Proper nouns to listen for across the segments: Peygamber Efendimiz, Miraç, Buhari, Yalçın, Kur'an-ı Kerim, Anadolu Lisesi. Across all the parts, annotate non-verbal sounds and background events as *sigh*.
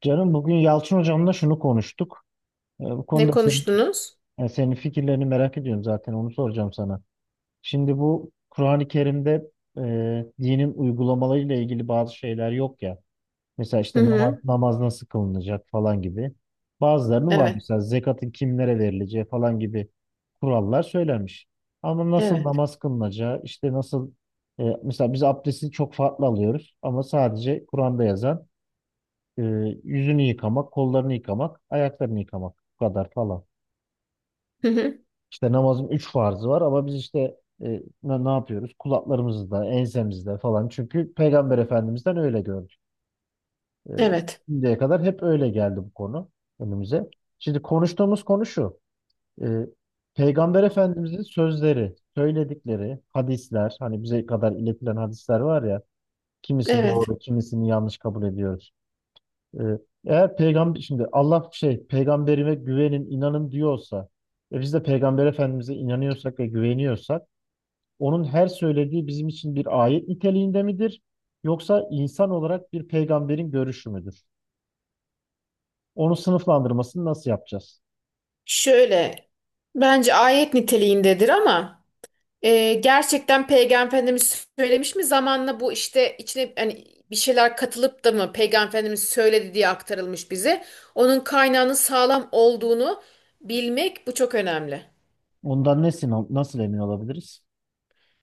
Canım bugün Yalçın hocamla şunu konuştuk. Bu Ne konuda konuştunuz? yani senin fikirlerini merak ediyorum, zaten onu soracağım sana. Şimdi bu Kur'an-ı Kerim'de dinin uygulamalarıyla ilgili bazı şeyler yok ya. Mesela Hı işte namaz, hı. namaz nasıl kılınacak falan gibi. Bazılarının var Evet. mesela, zekatın kimlere verileceği falan gibi kurallar söylenmiş. Ama nasıl Evet. namaz kılınacağı, işte nasıl, mesela biz abdesti çok farklı alıyoruz ama sadece Kur'an'da yazan, ee, yüzünü yıkamak, kollarını yıkamak, ayaklarını yıkamak. Bu kadar falan. Hı hı. İşte namazın üç farzı var ama biz işte, ne yapıyoruz? Kulaklarımızda, ensemizde falan. Çünkü Peygamber Efendimiz'den öyle gördük. Ee, Evet. şimdiye kadar hep öyle geldi bu konu önümüze. Şimdi konuştuğumuz konu şu. Ee, Peygamber Efendimiz'in sözleri, söyledikleri hadisler, hani bize kadar iletilen hadisler var ya, kimisi Evet. doğru, kimisini yanlış kabul ediyoruz. Ee, Eğer peygamber, şimdi Allah şey peygamberime güvenin, inanın diyorsa ve biz de peygamber efendimize inanıyorsak ve güveniyorsak, onun her söylediği bizim için bir ayet niteliğinde midir? Yoksa insan olarak bir peygamberin görüşü müdür? Onu sınıflandırmasını nasıl yapacağız? Şöyle bence ayet niteliğindedir ama gerçekten Peygamber Efendimiz söylemiş mi zamanla bu işte içine hani bir şeyler katılıp da mı Peygamber Efendimiz söyledi diye aktarılmış bize. Onun kaynağının sağlam olduğunu bilmek bu çok önemli. Ondan ne nasıl emin olabiliriz?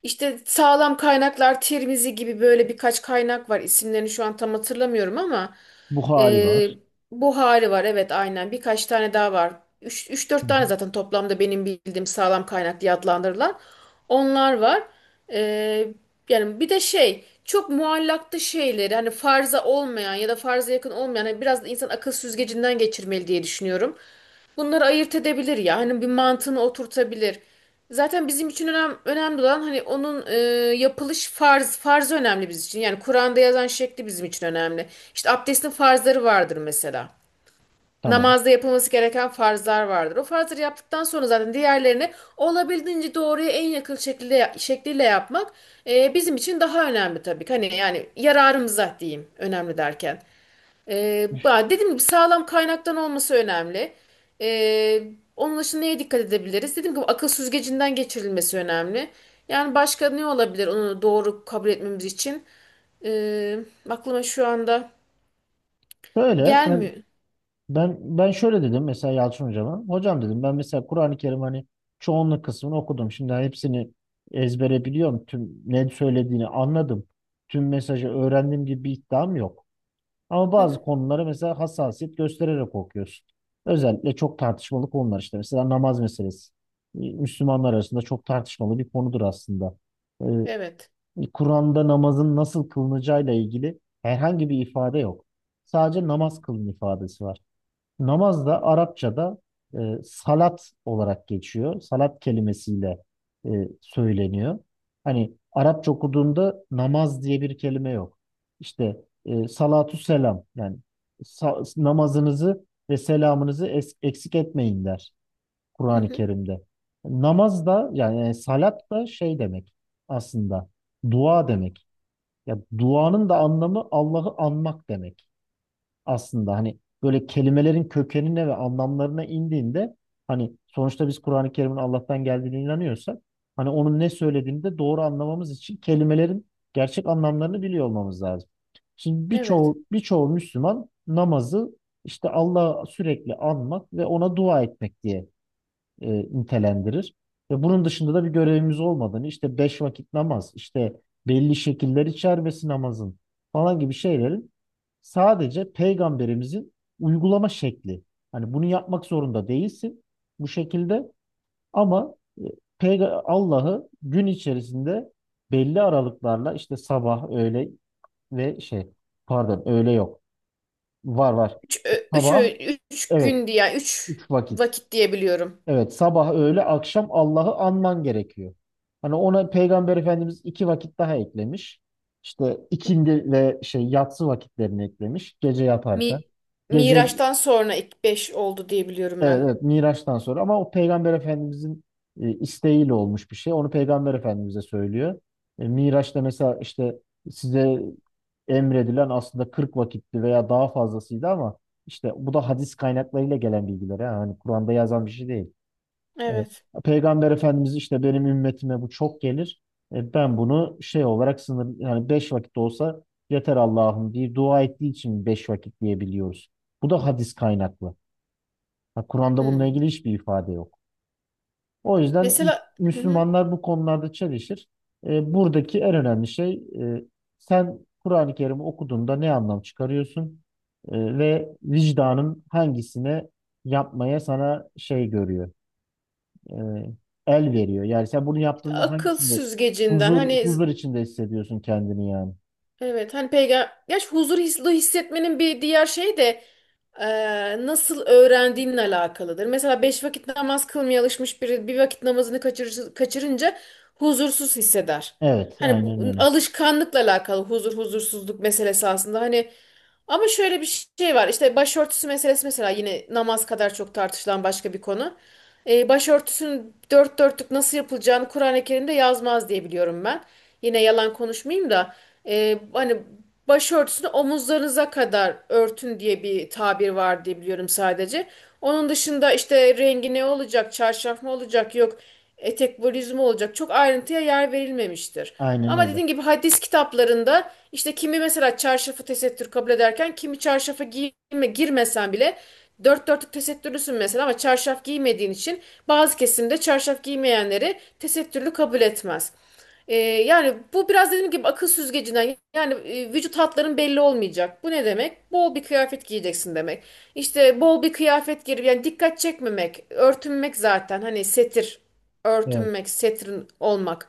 İşte sağlam kaynaklar Tirmizi gibi böyle birkaç kaynak var. İsimlerini şu an tam hatırlamıyorum ama Buhari e, var. Buhari var, evet aynen birkaç tane daha var. Üç üç Hı dört tane hı. zaten toplamda benim bildiğim sağlam kaynak diye adlandırılan onlar var. E, Yani bir de şey çok muallaklı şeyleri hani farza olmayan ya da farza yakın olmayan hani biraz da insan akıl süzgecinden geçirmeli diye düşünüyorum, bunları ayırt edebilir ya. Hani bir mantığını oturtabilir. Zaten bizim için önemli olan hani onun yapılış farz farz önemli bizim için. Yani Kur'an'da yazan şekli bizim için önemli. İşte abdestin farzları vardır mesela. Tamam. Namazda yapılması gereken farzlar vardır. O farzları yaptıktan sonra zaten diğerlerini olabildiğince doğruya en yakın şekilde şekliyle yapmak bizim için daha önemli tabii ki. Hani yani yararımıza diyeyim önemli derken. Dediğim gibi sağlam kaynaktan olması önemli. Ee, Onun dışında neye dikkat edebiliriz? Dediğim gibi akıl süzgecinden geçirilmesi önemli. Yani başka ne olabilir onu doğru kabul etmemiz için? Ee, Aklıma şu anda Böyle. gelmiyor. Ben şöyle dedim mesela Yalçın hocama. Hocam dedim, ben mesela Kur'an-ı Kerim, hani çoğunluk kısmını okudum. Şimdi hani hepsini ezbere biliyorum, tüm ne söylediğini anladım, tüm mesajı öğrendiğim gibi bir iddiam yok. Ama Hı bazı hı. konulara mesela hassasiyet göstererek okuyorsun. Özellikle çok tartışmalı konular işte. Mesela namaz meselesi. Müslümanlar arasında çok tartışmalı bir konudur aslında. Ee, Evet. Kur'an'da namazın nasıl kılınacağıyla ilgili herhangi bir ifade yok. Sadece namaz kılın ifadesi var. Namaz da Arapçada e, salat olarak geçiyor. Salat kelimesiyle söyleniyor. Hani Arapça okuduğunda namaz diye bir kelime yok. İşte salatu selam, yani namazınızı ve selamınızı eksik etmeyin der Hı Kur'an-ı hı. Kerim'de. Namaz da, yani salat da şey demek aslında, dua demek. Ya duanın da anlamı Allah'ı anmak demek aslında, hani böyle kelimelerin kökenine ve anlamlarına indiğinde, hani sonuçta biz Kur'an-ı Kerim'in Allah'tan geldiğine inanıyorsak, hani onun ne söylediğini de doğru anlamamız için kelimelerin gerçek anlamlarını biliyor olmamız lazım. Şimdi Evet. birçoğu Müslüman namazı işte Allah'ı sürekli anmak ve ona dua etmek diye nitelendirir. Ve bunun dışında da bir görevimiz olmadığını, işte 5 vakit namaz, işte belli şekiller içermesi namazın falan gibi şeylerin sadece peygamberimizin uygulama şekli. Hani bunu yapmak zorunda değilsin bu şekilde, ama Allah'ı gün içerisinde belli aralıklarla, işte sabah, öğle ve şey, pardon, öğle yok. Var var. Sabah, Üç evet, gün diye, yani üç 3 vakit. vakit diyebiliyorum. Evet, sabah, öğle, akşam Allah'ı anman gerekiyor. Hani ona Peygamber Efendimiz 2 vakit daha eklemiş. İşte ikindi ve şey yatsı vakitlerini eklemiş, gece yaparken. Mi, Gece, Miraç'tan sonra ilk beş oldu diyebiliyorum evet, ben. evet, Miraç'tan sonra, ama o Peygamber Efendimizin isteğiyle olmuş bir şey. Onu Peygamber Efendimiz'e söylüyor. Miraç'ta mesela, işte size emredilen aslında 40 vakitti veya daha fazlasıydı, ama işte bu da hadis kaynaklarıyla gelen bilgiler. Ha. Hani Kur'an'da yazan bir şey değil. Evet. Evet. Peygamber Efendimiz işte benim ümmetime bu çok gelir. Ben bunu şey olarak sınır, yani 5 vakit olsa yeter Allah'ım diye dua ettiği için 5 vakit diyebiliyoruz. Bu da hadis kaynaklı. Ha, Kur'an'da bununla ilgili Hmm. hiçbir ifade yok. O yüzden Mesela. Hı hı. Müslümanlar bu konularda çelişir. Buradaki en önemli şey, sen Kur'an-ı Kerim'i okuduğunda ne anlam çıkarıyorsun. Ve vicdanın hangisine yapmaya sana şey görüyor, e, el veriyor. Yani sen bunu yaptığında Akıl hangisinde süzgecinden huzur hani, huzur içinde hissediyorsun kendini yani. evet, hani peygamber gerçi huzur hissetmenin bir diğer şey de e, nasıl öğrendiğinle alakalıdır. Mesela beş vakit namaz kılmaya alışmış biri bir vakit namazını kaçırır, kaçırınca huzursuz hisseder. Evet, Hani aynen bu, öyle. alışkanlıkla alakalı huzur huzursuzluk meselesi aslında, hani ama şöyle bir şey var, işte başörtüsü meselesi mesela, yine namaz kadar çok tartışılan başka bir konu. Başörtüsünün dört dörtlük nasıl yapılacağını Kur'an-ı Kerim'de yazmaz diye biliyorum ben. Yine yalan konuşmayayım da hani başörtüsünü omuzlarınıza kadar örtün diye bir tabir var diye biliyorum sadece. Onun dışında işte rengi ne olacak, çarşaf mı olacak, yok etek volüzümü olacak. Çok ayrıntıya yer verilmemiştir. Aynen Ama öyle. dediğim gibi hadis kitaplarında işte kimi mesela çarşafı tesettür kabul ederken kimi çarşafı giyme, girmesen bile dört dörtlük tesettürlüsün mesela ama çarşaf giymediğin için bazı kesimde çarşaf giymeyenleri tesettürlü kabul etmez. Yani bu biraz dediğim gibi akıl süzgecinden, yani vücut hatların belli olmayacak. Bu ne demek? Bol bir kıyafet giyeceksin demek. İşte bol bir kıyafet girip yani dikkat çekmemek, örtünmek, zaten hani setir, Evet, örtünmek, setrin olmak.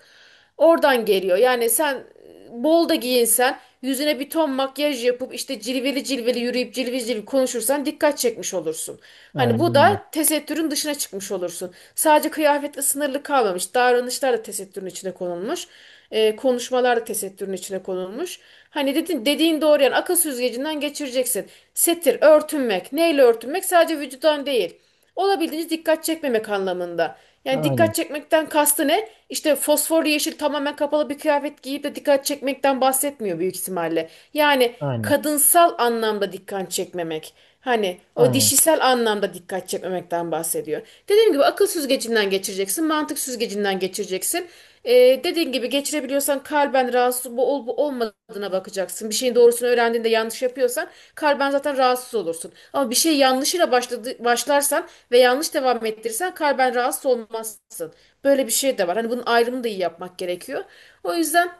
Oradan geliyor. Yani sen bol da giyinsen, yüzüne bir ton makyaj yapıp işte cilveli cilveli yürüyüp cilveli cilveli konuşursan dikkat çekmiş olursun. Hani aynen bu öyle. da tesettürün dışına çıkmış olursun. Sadece kıyafetle sınırlı kalmamış. Davranışlar da tesettürün içine konulmuş. Konuşmalar da tesettürün içine konulmuş. Hani dediğin doğru, yani akıl süzgecinden geçireceksin. Setir, örtünmek. Neyle örtünmek? Sadece vücudan değil. Olabildiğince dikkat çekmemek anlamında. Yani Aynen, dikkat çekmekten kastı ne? İşte fosforlu yeşil tamamen kapalı bir kıyafet giyip de dikkat çekmekten bahsetmiyor büyük ihtimalle. Yani aynen, kadınsal anlamda dikkat çekmemek. Hani o aynen, dişisel anlamda dikkat çekmemekten bahsediyor. Dediğim gibi akıl süzgecinden geçireceksin, mantık süzgecinden geçireceksin. Dediğin gibi geçirebiliyorsan kalben rahatsız bu olup olmadığına bakacaksın. Bir şeyin doğrusunu öğrendiğinde yanlış yapıyorsan kalben zaten rahatsız olursun. Ama bir şey yanlışıyla başladı, başlarsan ve yanlış devam ettirirsen kalben rahatsız olmazsın. Böyle bir şey de var. Hani bunun ayrımını da iyi yapmak gerekiyor. O yüzden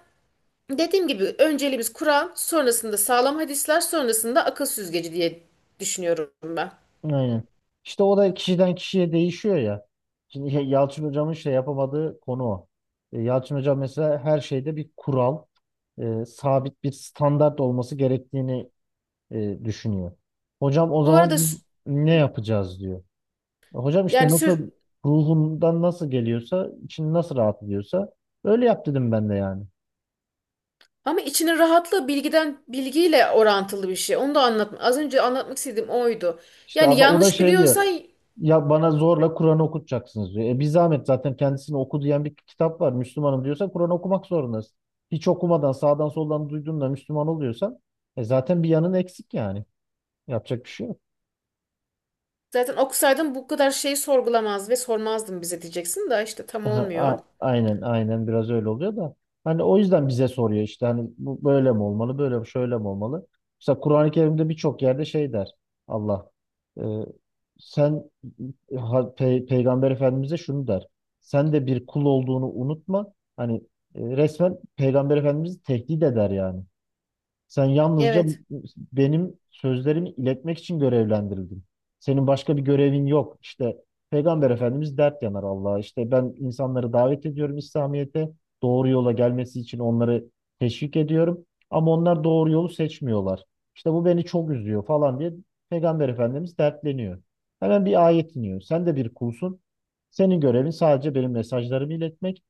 dediğim gibi önceliğimiz Kur'an, sonrasında sağlam hadisler, sonrasında akıl süzgeci diye düşünüyorum ben. aynen. İşte o da kişiden kişiye değişiyor ya. Şimdi Yalçın Hocam'ın şey yapamadığı konu o. Yalçın Hocam mesela her şeyde bir kural, sabit bir standart olması gerektiğini düşünüyor. Hocam o Bu arada zaman biz sü- ne yapacağız diyor. Hocam işte yani sür nasıl ruhundan nasıl geliyorsa, için nasıl rahat ediyorsa öyle yap dedim ben de yani. Ama içinin rahatlığı bilgiden, bilgiyle orantılı bir şey. Onu da anlatma. Az önce anlatmak istediğim oydu. İşte Yani o da yanlış şey biliyorsan diyor. Ya bana zorla Kur'an okutacaksınız diyor. E bir zahmet, zaten kendisini oku diyen bir kitap var. Müslümanım diyorsa Kur'an okumak zorundasın. Hiç okumadan sağdan soldan duyduğunla Müslüman oluyorsan, zaten bir yanın eksik yani. Yapacak bir şey yok. zaten okusaydın bu kadar şeyi sorgulamaz ve sormazdın bize diyeceksin. Da işte tam Aha, olmuyor. aynen aynen biraz öyle oluyor da, hani o yüzden bize soruyor, işte hani bu böyle mi olmalı, böyle mi, şöyle mi olmalı? Mesela Kur'an-ı Kerim'de birçok yerde şey der Allah, e, sen, Peygamber Efendimiz'e şunu der: sen de bir kul olduğunu unutma, hani resmen Peygamber Efendimiz'i tehdit eder yani. Sen yalnızca Evet. benim sözlerimi iletmek için görevlendirildin. Senin başka bir görevin yok. İşte Peygamber Efendimiz dert yanar Allah'a. İşte ben insanları davet ediyorum İslamiyet'e, doğru yola gelmesi için onları teşvik ediyorum. Ama onlar doğru yolu seçmiyorlar. İşte bu beni çok üzüyor falan diye Peygamber Efendimiz dertleniyor. Hemen bir ayet iniyor: sen de bir kulsun, senin görevin sadece benim mesajlarımı iletmek.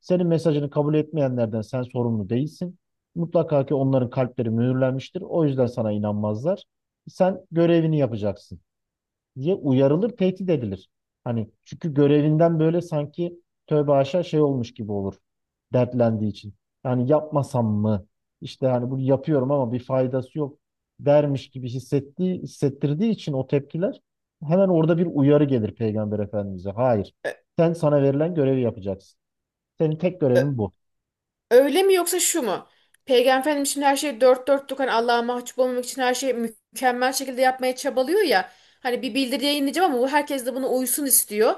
Senin mesajını kabul etmeyenlerden sen sorumlu değilsin. Mutlaka ki onların kalpleri mühürlenmiştir, o yüzden sana inanmazlar. Sen görevini yapacaksın diye uyarılır, tehdit edilir. Hani çünkü görevinden böyle sanki tövbe haşa şey olmuş gibi olur, dertlendiği için. Yani yapmasam mı, İşte hani bunu yapıyorum ama bir faydası yok dermiş gibi hissettiği, hissettirdiği için o tepkiler, hemen orada bir uyarı gelir Peygamber Efendimiz'e. Hayır, Ö- sen sana verilen görevi yapacaksın. Senin tek ö- görevin bu. Öyle mi yoksa şu mu? Peygamber Efendimiz şimdi her şeyi dört dörtlük hani Allah'a mahcup olmamak için her şeyi mükemmel şekilde yapmaya çabalıyor ya. Hani bir bildiri yayınlayacağım ama bu herkes de buna uysun istiyor.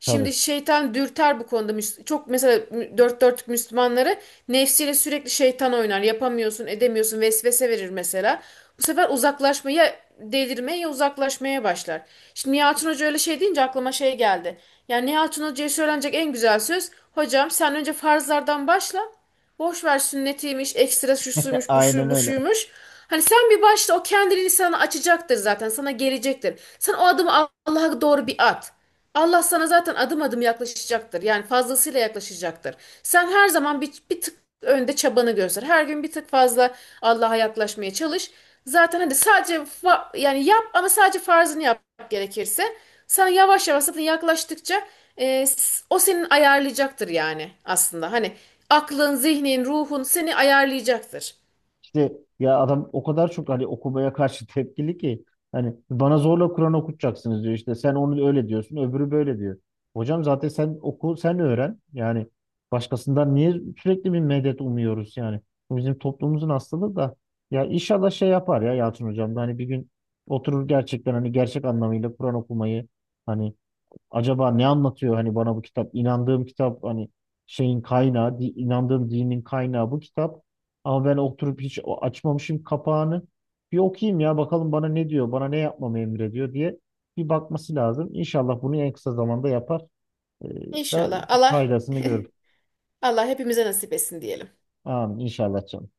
Şimdi Tabii. şeytan dürter bu konuda. Çok mesela dört dörtlük Müslümanları nefsiyle sürekli şeytan oynar. Yapamıyorsun, edemiyorsun, vesvese verir mesela. Bu sefer uzaklaşmaya ya delirmeye ya uzaklaşmaya başlar. Şimdi Nihat'ın Hoca öyle şey deyince aklıma şey geldi. Yani Nihat'ın Hoca'ya söylenecek en güzel söz, hocam sen önce farzlardan başla. Boş ver sünnetiymiş, ekstra şu suymuş, bu Aynen şu, bu öyle. şuymuş. Hani sen bir başla, o kendiliğini sana açacaktır zaten, sana gelecektir. Sen o adımı Allah'a doğru bir at. Allah sana zaten adım adım yaklaşacaktır. Yani fazlasıyla yaklaşacaktır. Sen her zaman bir tık önde çabanı göster. Her gün bir tık fazla Allah'a yaklaşmaya çalış. Zaten hadi sadece yani yap, ama sadece farzını yap gerekirse. Sana yavaş yavaş zaten yaklaştıkça o senin ayarlayacaktır yani aslında. Hani aklın, zihnin, ruhun seni ayarlayacaktır. İşte ya adam o kadar çok hani okumaya karşı tepkili ki, hani bana zorla Kur'an okutacaksınız diyor, işte sen onu öyle diyorsun, öbürü böyle diyor. Hocam zaten sen oku, sen öğren yani, başkasından niye sürekli bir medet umuyoruz yani. Bu bizim toplumumuzun hastalığı da. Ya inşallah şey yapar ya Yalçın hocam da, hani bir gün oturur gerçekten, hani gerçek anlamıyla Kur'an okumayı, hani acaba ne anlatıyor hani bana bu kitap? İnandığım kitap, hani şeyin kaynağı, inandığım dinin kaynağı bu kitap. Ama ben oturup hiç açmamışım kapağını. Bir okuyayım ya, bakalım bana ne diyor, bana ne yapmamı emrediyor diye bir bakması lazım. İnşallah bunu en kısa zamanda yapar. Ee, da İnşallah Allah faydasını *laughs* görür. Allah hepimize nasip etsin diyelim. Amin inşallah canım.